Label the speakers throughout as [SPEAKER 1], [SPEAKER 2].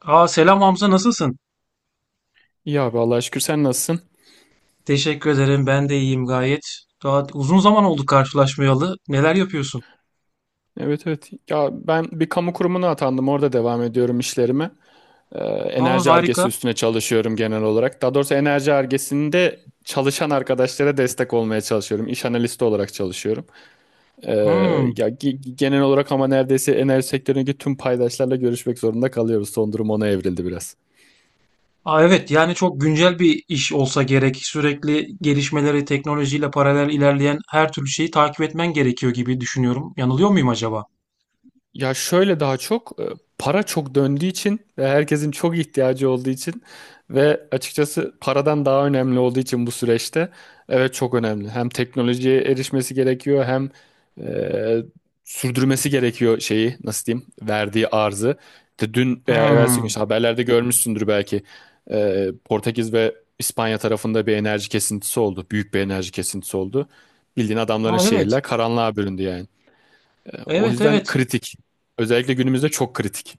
[SPEAKER 1] Aa, selam Hamza, nasılsın?
[SPEAKER 2] İyi abi Allah'a şükür sen nasılsın?
[SPEAKER 1] Teşekkür ederim, ben de iyiyim gayet. Daha uzun zaman oldu karşılaşmayalı. Neler yapıyorsun?
[SPEAKER 2] Evet evet. Ya ben bir kamu kurumuna atandım. Orada devam ediyorum işlerime. Ee,
[SPEAKER 1] Aa,
[SPEAKER 2] enerji
[SPEAKER 1] harika.
[SPEAKER 2] argesi üstüne çalışıyorum genel olarak. Daha doğrusu enerji argesinde çalışan arkadaşlara destek olmaya çalışıyorum. İş analisti olarak çalışıyorum. Ee,
[SPEAKER 1] Hmm.
[SPEAKER 2] ya genel olarak ama neredeyse enerji sektöründeki tüm paydaşlarla görüşmek zorunda kalıyoruz. Son durum ona evrildi biraz.
[SPEAKER 1] Aa, evet, yani çok güncel bir iş olsa gerek. Sürekli gelişmeleri, teknolojiyle paralel ilerleyen her türlü şeyi takip etmen gerekiyor gibi düşünüyorum. Yanılıyor muyum acaba?
[SPEAKER 2] Ya şöyle daha çok para çok döndüğü için ve herkesin çok ihtiyacı olduğu için ve açıkçası paradan daha önemli olduğu için bu süreçte evet çok önemli. Hem teknolojiye erişmesi gerekiyor hem e, sürdürmesi gerekiyor şeyi nasıl diyeyim verdiği arzı. İşte dün veya evvelsi gün
[SPEAKER 1] Hmm.
[SPEAKER 2] işte haberlerde görmüşsündür belki Portekiz ve İspanya tarafında bir enerji kesintisi oldu. Büyük bir enerji kesintisi oldu. Bildiğin adamların
[SPEAKER 1] Aa, evet.
[SPEAKER 2] şehirler karanlığa büründü yani. O
[SPEAKER 1] Evet
[SPEAKER 2] yüzden
[SPEAKER 1] evet,
[SPEAKER 2] kritik. Özellikle günümüzde çok kritik.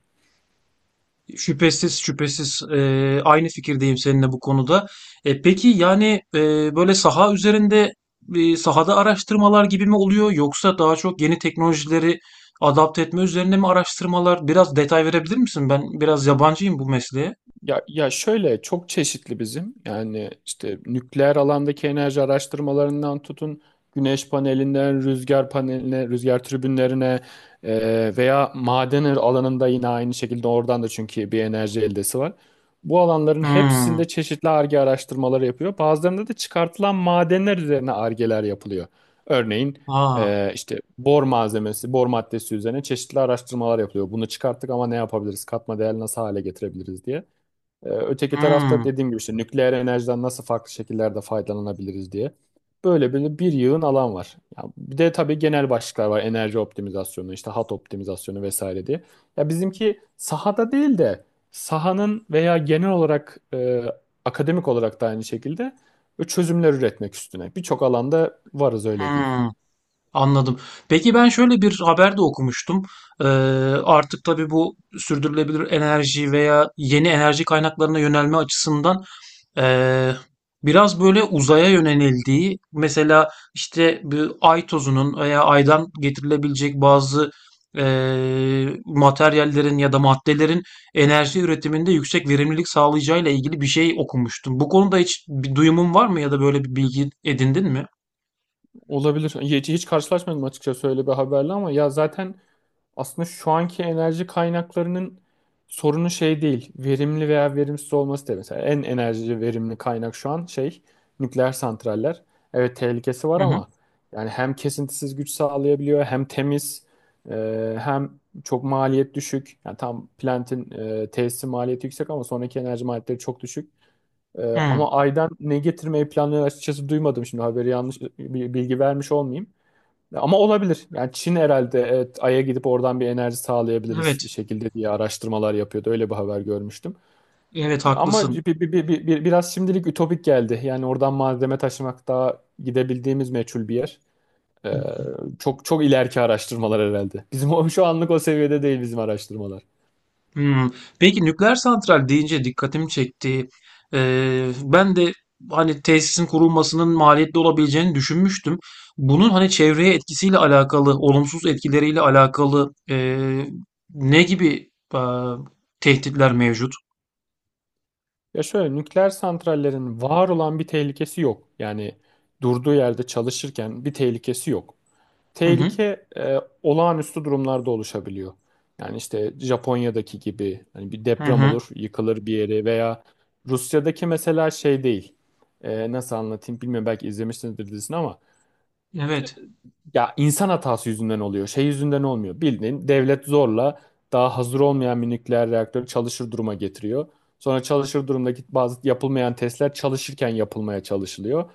[SPEAKER 1] şüphesiz şüphesiz, aynı fikirdeyim seninle bu konuda. Peki, yani böyle sahada araştırmalar gibi mi oluyor, yoksa daha çok yeni teknolojileri adapte etme üzerine mi araştırmalar? Biraz detay verebilir misin? Ben biraz yabancıyım bu mesleğe.
[SPEAKER 2] Ya şöyle çok çeşitli bizim yani işte nükleer alandaki enerji araştırmalarından tutun güneş panelinden rüzgar paneline rüzgar tribünlerine veya maden alanında yine aynı şekilde oradan da çünkü bir enerji eldesi var. Bu alanların
[SPEAKER 1] Hmm.
[SPEAKER 2] hepsinde çeşitli arge araştırmaları yapıyor. Bazılarında da çıkartılan madenler üzerine argeler yapılıyor. Örneğin
[SPEAKER 1] Aa.
[SPEAKER 2] işte bor malzemesi, bor maddesi üzerine çeşitli araştırmalar yapılıyor. Bunu çıkarttık ama ne yapabiliriz? Katma değer nasıl hale getirebiliriz diye. Öteki tarafta
[SPEAKER 1] Hmm,
[SPEAKER 2] dediğim gibi işte nükleer enerjiden nasıl farklı şekillerde faydalanabiliriz diye. Böyle böyle bir yığın alan var. Ya bir de tabii genel başlıklar var. Enerji optimizasyonu, işte hat optimizasyonu vesaire diye. Ya bizimki sahada değil de sahanın veya genel olarak akademik olarak da aynı şekilde çözümler üretmek üstüne. Birçok alanda varız öyle diyeyim.
[SPEAKER 1] hmm, anladım. Peki, ben şöyle bir haber de okumuştum. Ee, Artık tabii bu sürdürülebilir enerji veya yeni enerji kaynaklarına yönelme açısından ee, biraz böyle uzaya yönelildiği, mesela işte bir ay tozunun veya aydan getirilebilecek bazı materyallerin ya da maddelerin enerji üretiminde yüksek verimlilik sağlayacağıyla ilgili bir şey okumuştum. Bu konuda hiç bir duyumun var mı, ya da böyle bir bilgi edindin mi?
[SPEAKER 2] Olabilir. Hiç karşılaşmadım açıkçası öyle bir haberle ama ya zaten aslında şu anki enerji kaynaklarının sorunu şey değil. Verimli veya verimsiz olması değil. Mesela en enerji verimli kaynak şu an şey nükleer santraller. Evet tehlikesi var
[SPEAKER 1] Hı hı.
[SPEAKER 2] ama yani hem kesintisiz güç sağlayabiliyor hem temiz hem çok maliyet düşük. Yani tam Plant'in tesisi maliyeti yüksek ama sonraki enerji maliyetleri çok düşük. E,
[SPEAKER 1] Hı.
[SPEAKER 2] ama Ay'dan ne getirmeyi planlıyor açıkçası duymadım. Şimdi haberi yanlış bir bilgi vermiş olmayayım. Ama olabilir. Yani Çin herhalde evet, Ay'a gidip oradan bir enerji sağlayabiliriz bir
[SPEAKER 1] Evet.
[SPEAKER 2] şekilde diye araştırmalar yapıyordu. Öyle bir haber görmüştüm.
[SPEAKER 1] Evet,
[SPEAKER 2] Ama
[SPEAKER 1] haklısın.
[SPEAKER 2] biraz şimdilik ütopik geldi. Yani oradan malzeme taşımak daha gidebildiğimiz meçhul bir yer. Ee, çok çok ileriki araştırmalar herhalde. Bizim şu anlık o seviyede değil bizim araştırmalar.
[SPEAKER 1] Hmm. Peki, nükleer santral deyince dikkatimi çekti. Ben de hani tesisin kurulmasının maliyetli olabileceğini düşünmüştüm. Bunun hani çevreye etkisiyle alakalı, olumsuz etkileriyle alakalı ne gibi tehditler mevcut?
[SPEAKER 2] Ya şöyle nükleer santrallerin var olan bir tehlikesi yok. Yani durduğu yerde çalışırken bir tehlikesi yok.
[SPEAKER 1] Hı hı.
[SPEAKER 2] Tehlike olağanüstü durumlarda oluşabiliyor. Yani işte Japonya'daki gibi hani bir
[SPEAKER 1] Hı
[SPEAKER 2] deprem
[SPEAKER 1] hı.
[SPEAKER 2] olur, yıkılır bir yeri veya Rusya'daki mesela şey değil. Nasıl anlatayım bilmiyorum belki izlemişsinizdir dizisini ama
[SPEAKER 1] Evet.
[SPEAKER 2] ya insan hatası yüzünden oluyor. Şey yüzünden olmuyor. Bildiğin devlet zorla daha hazır olmayan bir nükleer reaktörü çalışır duruma getiriyor. Sonra çalışır durumdaki bazı yapılmayan testler çalışırken yapılmaya çalışılıyor.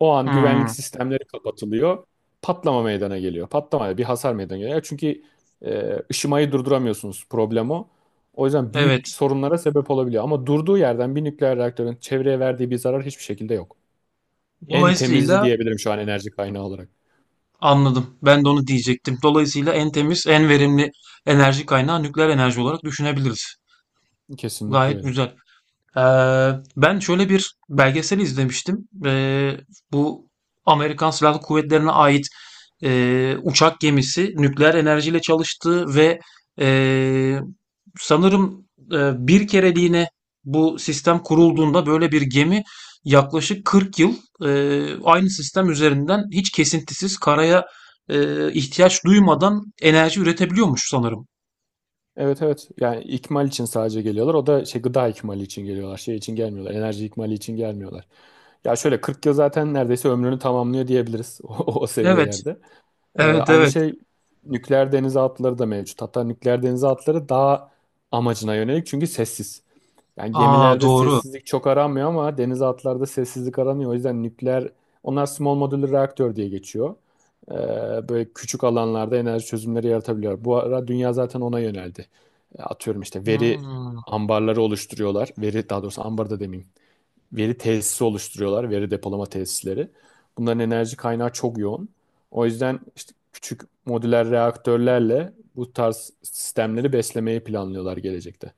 [SPEAKER 2] O an güvenlik
[SPEAKER 1] Hmm.
[SPEAKER 2] sistemleri kapatılıyor. Patlama meydana geliyor. Patlama bir hasar meydana geliyor. Çünkü ışımayı durduramıyorsunuz. Problem o. O yüzden büyük
[SPEAKER 1] Evet.
[SPEAKER 2] sorunlara sebep olabiliyor. Ama durduğu yerden bir nükleer reaktörün çevreye verdiği bir zarar hiçbir şekilde yok. En temizi
[SPEAKER 1] Dolayısıyla
[SPEAKER 2] diyebilirim şu an enerji kaynağı olarak.
[SPEAKER 1] Anladım. Ben de onu diyecektim. Dolayısıyla en temiz, en verimli enerji kaynağı nükleer enerji olarak düşünebiliriz.
[SPEAKER 2] Kesinlikle
[SPEAKER 1] Gayet
[SPEAKER 2] öyle.
[SPEAKER 1] güzel. Ee, Ben şöyle bir belgesel izlemiştim. Bu Amerikan Silahlı Kuvvetleri'ne ait uçak gemisi nükleer enerjiyle çalıştı ve eee, sanırım bir kereliğine bu sistem kurulduğunda böyle bir gemi yaklaşık 40 yıl aynı sistem üzerinden hiç kesintisiz karaya ihtiyaç duymadan enerji üretebiliyormuş sanırım.
[SPEAKER 2] Evet evet. Yani ikmal için sadece geliyorlar. O da şey gıda ikmali için geliyorlar. Şey için gelmiyorlar. Enerji ikmali için gelmiyorlar. Ya şöyle 40 yıl zaten neredeyse ömrünü tamamlıyor diyebiliriz o
[SPEAKER 1] Evet,
[SPEAKER 2] seviyelerde. Ee,
[SPEAKER 1] evet,
[SPEAKER 2] aynı
[SPEAKER 1] evet.
[SPEAKER 2] şey nükleer denizaltıları da mevcut. Hatta nükleer denizaltıları daha amacına yönelik çünkü sessiz. Yani
[SPEAKER 1] Aa,
[SPEAKER 2] gemilerde
[SPEAKER 1] doğru.
[SPEAKER 2] sessizlik çok aranmıyor ama denizaltılarda sessizlik aranıyor. O yüzden nükleer, onlar small modular reaktör diye geçiyor. Ee, böyle küçük alanlarda enerji çözümleri yaratabiliyor. Bu ara dünya zaten ona yöneldi. Atıyorum işte veri
[SPEAKER 1] Hmm,
[SPEAKER 2] ambarları oluşturuyorlar. Veri daha doğrusu ambar da demeyeyim. Veri tesisi oluşturuyorlar, veri depolama tesisleri. Bunların enerji kaynağı çok yoğun. O yüzden işte küçük modüler reaktörlerle bu tarz sistemleri beslemeyi planlıyorlar gelecekte.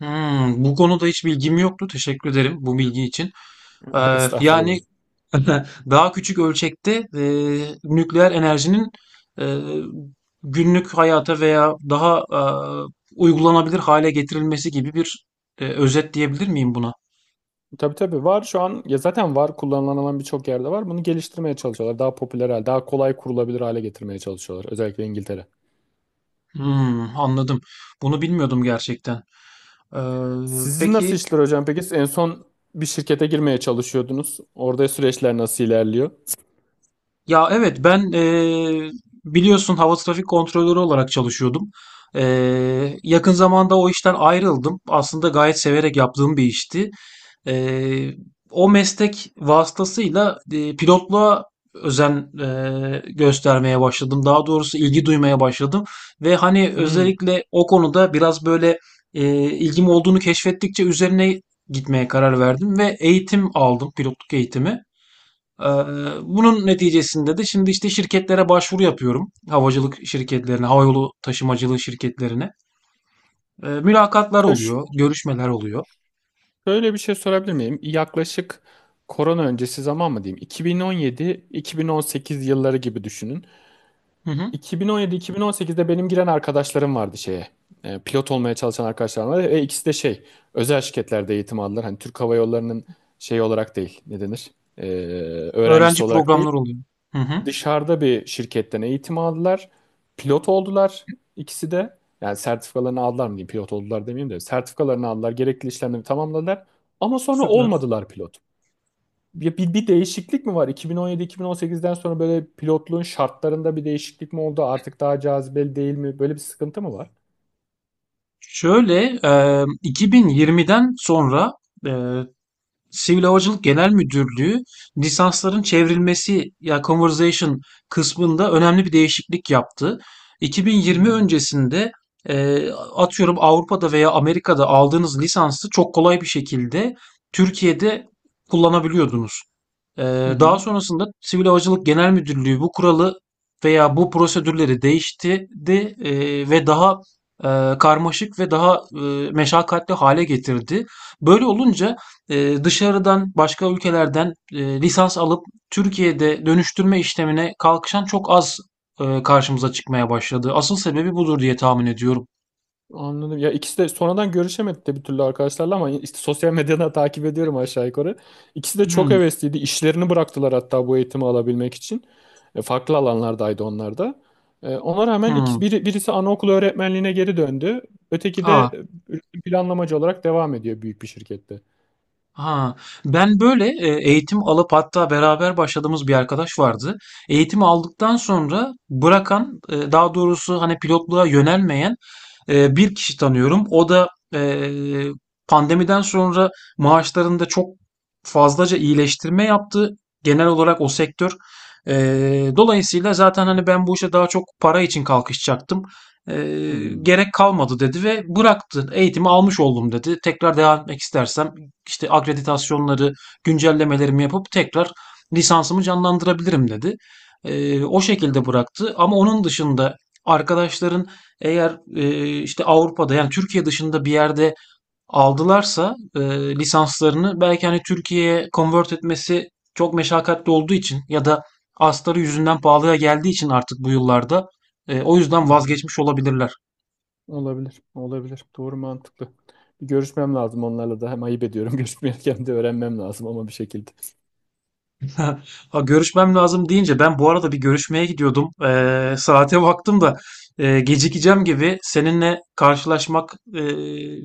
[SPEAKER 1] hmm. Bu konuda hiç bilgim yoktu. Teşekkür ederim bu bilgi için. Yani
[SPEAKER 2] Estağfurullah.
[SPEAKER 1] daha küçük ölçekte nükleer enerjinin e, günlük hayata veya daha uygulanabilir hale getirilmesi gibi bir özet diyebilir miyim buna?
[SPEAKER 2] Tabii tabii var şu an ya zaten var kullanılan alan birçok yerde var. Bunu geliştirmeye çalışıyorlar. Daha popüler hale, daha kolay kurulabilir hale getirmeye çalışıyorlar. Özellikle İngiltere.
[SPEAKER 1] Hmm, anladım. Bunu bilmiyordum gerçekten. Ee,
[SPEAKER 2] Sizin nasıl
[SPEAKER 1] peki.
[SPEAKER 2] işler hocam peki? Siz en son bir şirkete girmeye çalışıyordunuz. Orada süreçler nasıl ilerliyor?
[SPEAKER 1] Ya, evet, ben biliyorsun, hava trafik kontrolörü olarak çalışıyordum. Yakın zamanda o işten ayrıldım. Aslında gayet severek yaptığım bir işti. Eee, O meslek vasıtasıyla pilotluğa göstermeye başladım. Daha doğrusu ilgi duymaya başladım ve hani
[SPEAKER 2] Hmm.
[SPEAKER 1] özellikle o konuda biraz böyle, ilgim olduğunu keşfettikçe üzerine gitmeye karar verdim ve eğitim aldım, pilotluk eğitimi. Eee, Bunun neticesinde de şimdi işte şirketlere başvuru yapıyorum. Havacılık şirketlerine, havayolu taşımacılığı şirketlerine. Mülakatlar
[SPEAKER 2] Ya
[SPEAKER 1] oluyor, görüşmeler oluyor.
[SPEAKER 2] şöyle bir şey sorabilir miyim? Yaklaşık korona öncesi zaman mı diyeyim? 2017-2018 yılları gibi düşünün.
[SPEAKER 1] Hı hı.
[SPEAKER 2] Bin on yedi, iki on sekizde benim giren arkadaşlarım vardı şeye. Pilot olmaya çalışan arkadaşlarım vardı. Ve ikisi de şey, özel şirketlerde eğitim aldılar. Hani Türk Hava Yolları'nın şey olarak değil, ne denir? E, öğrencisi
[SPEAKER 1] Öğrenci
[SPEAKER 2] olarak değil.
[SPEAKER 1] programları oluyor. Hı hı.
[SPEAKER 2] Dışarıda bir şirketten eğitim aldılar. Pilot oldular ikisi de. Yani sertifikalarını aldılar mı diyeyim, pilot oldular demeyeyim de. Sertifikalarını aldılar, gerekli işlemleri tamamladılar. Ama sonra
[SPEAKER 1] Süper.
[SPEAKER 2] olmadılar pilot. Ya bir değişiklik mi var? 2017-2018'den sonra böyle pilotluğun şartlarında bir değişiklik mi oldu? Artık daha cazibeli değil mi? Böyle bir sıkıntı mı var?
[SPEAKER 1] Şöyle, 2020'den sonra e, Sivil Havacılık Genel Müdürlüğü lisansların çevrilmesi ya conversation kısmında önemli bir değişiklik yaptı. 2020
[SPEAKER 2] Hmm.
[SPEAKER 1] öncesinde e, atıyorum Avrupa'da veya Amerika'da aldığınız lisansı çok kolay bir şekilde Türkiye'de kullanabiliyordunuz.
[SPEAKER 2] Hı
[SPEAKER 1] Daha
[SPEAKER 2] hı.
[SPEAKER 1] sonrasında Sivil Havacılık Genel Müdürlüğü bu kuralı veya bu prosedürleri değiştirdi ve daha karmaşık ve daha meşakkatli hale getirdi. Böyle olunca dışarıdan başka ülkelerden lisans alıp Türkiye'de dönüştürme işlemine kalkışan çok az karşımıza çıkmaya başladı. Asıl sebebi budur diye tahmin ediyorum.
[SPEAKER 2] Anladım. Ya ikisi de sonradan görüşemedik de bir türlü arkadaşlarla ama işte sosyal medyadan takip ediyorum aşağı yukarı. İkisi de çok
[SPEAKER 1] Hmm,
[SPEAKER 2] hevesliydi. İşlerini bıraktılar hatta bu eğitimi alabilmek için. Farklı alanlardaydı onlar da. Ona rağmen
[SPEAKER 1] hmm.
[SPEAKER 2] birisi anaokulu öğretmenliğine geri döndü. Öteki de
[SPEAKER 1] Aa,
[SPEAKER 2] üretim planlamacı olarak devam ediyor büyük bir şirkette.
[SPEAKER 1] ha, ben böyle eğitim alıp hatta beraber başladığımız bir arkadaş vardı. Eğitim aldıktan sonra bırakan, daha doğrusu hani pilotluğa yönelmeyen bir kişi tanıyorum. O da pandemiden sonra maaşlarında çok fazlaca iyileştirme yaptı. Genel olarak o sektör. Dolayısıyla zaten hani ben bu işe daha çok para için kalkışacaktım.
[SPEAKER 2] Hmm.
[SPEAKER 1] Gerek kalmadı dedi ve bıraktı. Eğitimi almış oldum dedi. Tekrar devam etmek istersem işte akreditasyonları, güncellemelerimi yapıp tekrar lisansımı canlandırabilirim dedi. O şekilde bıraktı. Ama onun dışında arkadaşların eğer işte Avrupa'da, yani Türkiye dışında bir yerde aldılarsa, lisanslarını belki, hani, Türkiye'ye convert etmesi çok meşakkatli olduğu için ya da astarı yüzünden pahalıya geldiği için artık bu yıllarda, o
[SPEAKER 2] Hı
[SPEAKER 1] yüzden
[SPEAKER 2] hı.
[SPEAKER 1] vazgeçmiş olabilirler.
[SPEAKER 2] Olabilir. Olabilir. Doğru mantıklı. Bir görüşmem lazım onlarla da. Hem ayıp ediyorum görüşmeyken de öğrenmem lazım ama bir şekilde.
[SPEAKER 1] Ha, görüşmem lazım deyince, ben bu arada bir görüşmeye gidiyordum. Saate baktım da gecikeceğim gibi. Seninle karşılaşmak,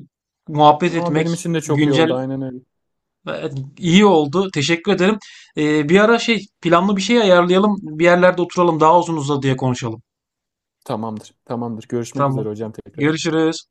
[SPEAKER 1] muhabbet
[SPEAKER 2] Ama
[SPEAKER 1] etmek,
[SPEAKER 2] benim için de çok iyi
[SPEAKER 1] güncel
[SPEAKER 2] oldu. Aynen öyle.
[SPEAKER 1] Evet, iyi oldu. Teşekkür ederim. Bir ara şey planlı bir şey ayarlayalım. Bir yerlerde oturalım. Daha uzun uzadıya konuşalım.
[SPEAKER 2] Tamamdır. Tamamdır. Görüşmek
[SPEAKER 1] Tamam.
[SPEAKER 2] üzere hocam tekrar.
[SPEAKER 1] Görüşürüz.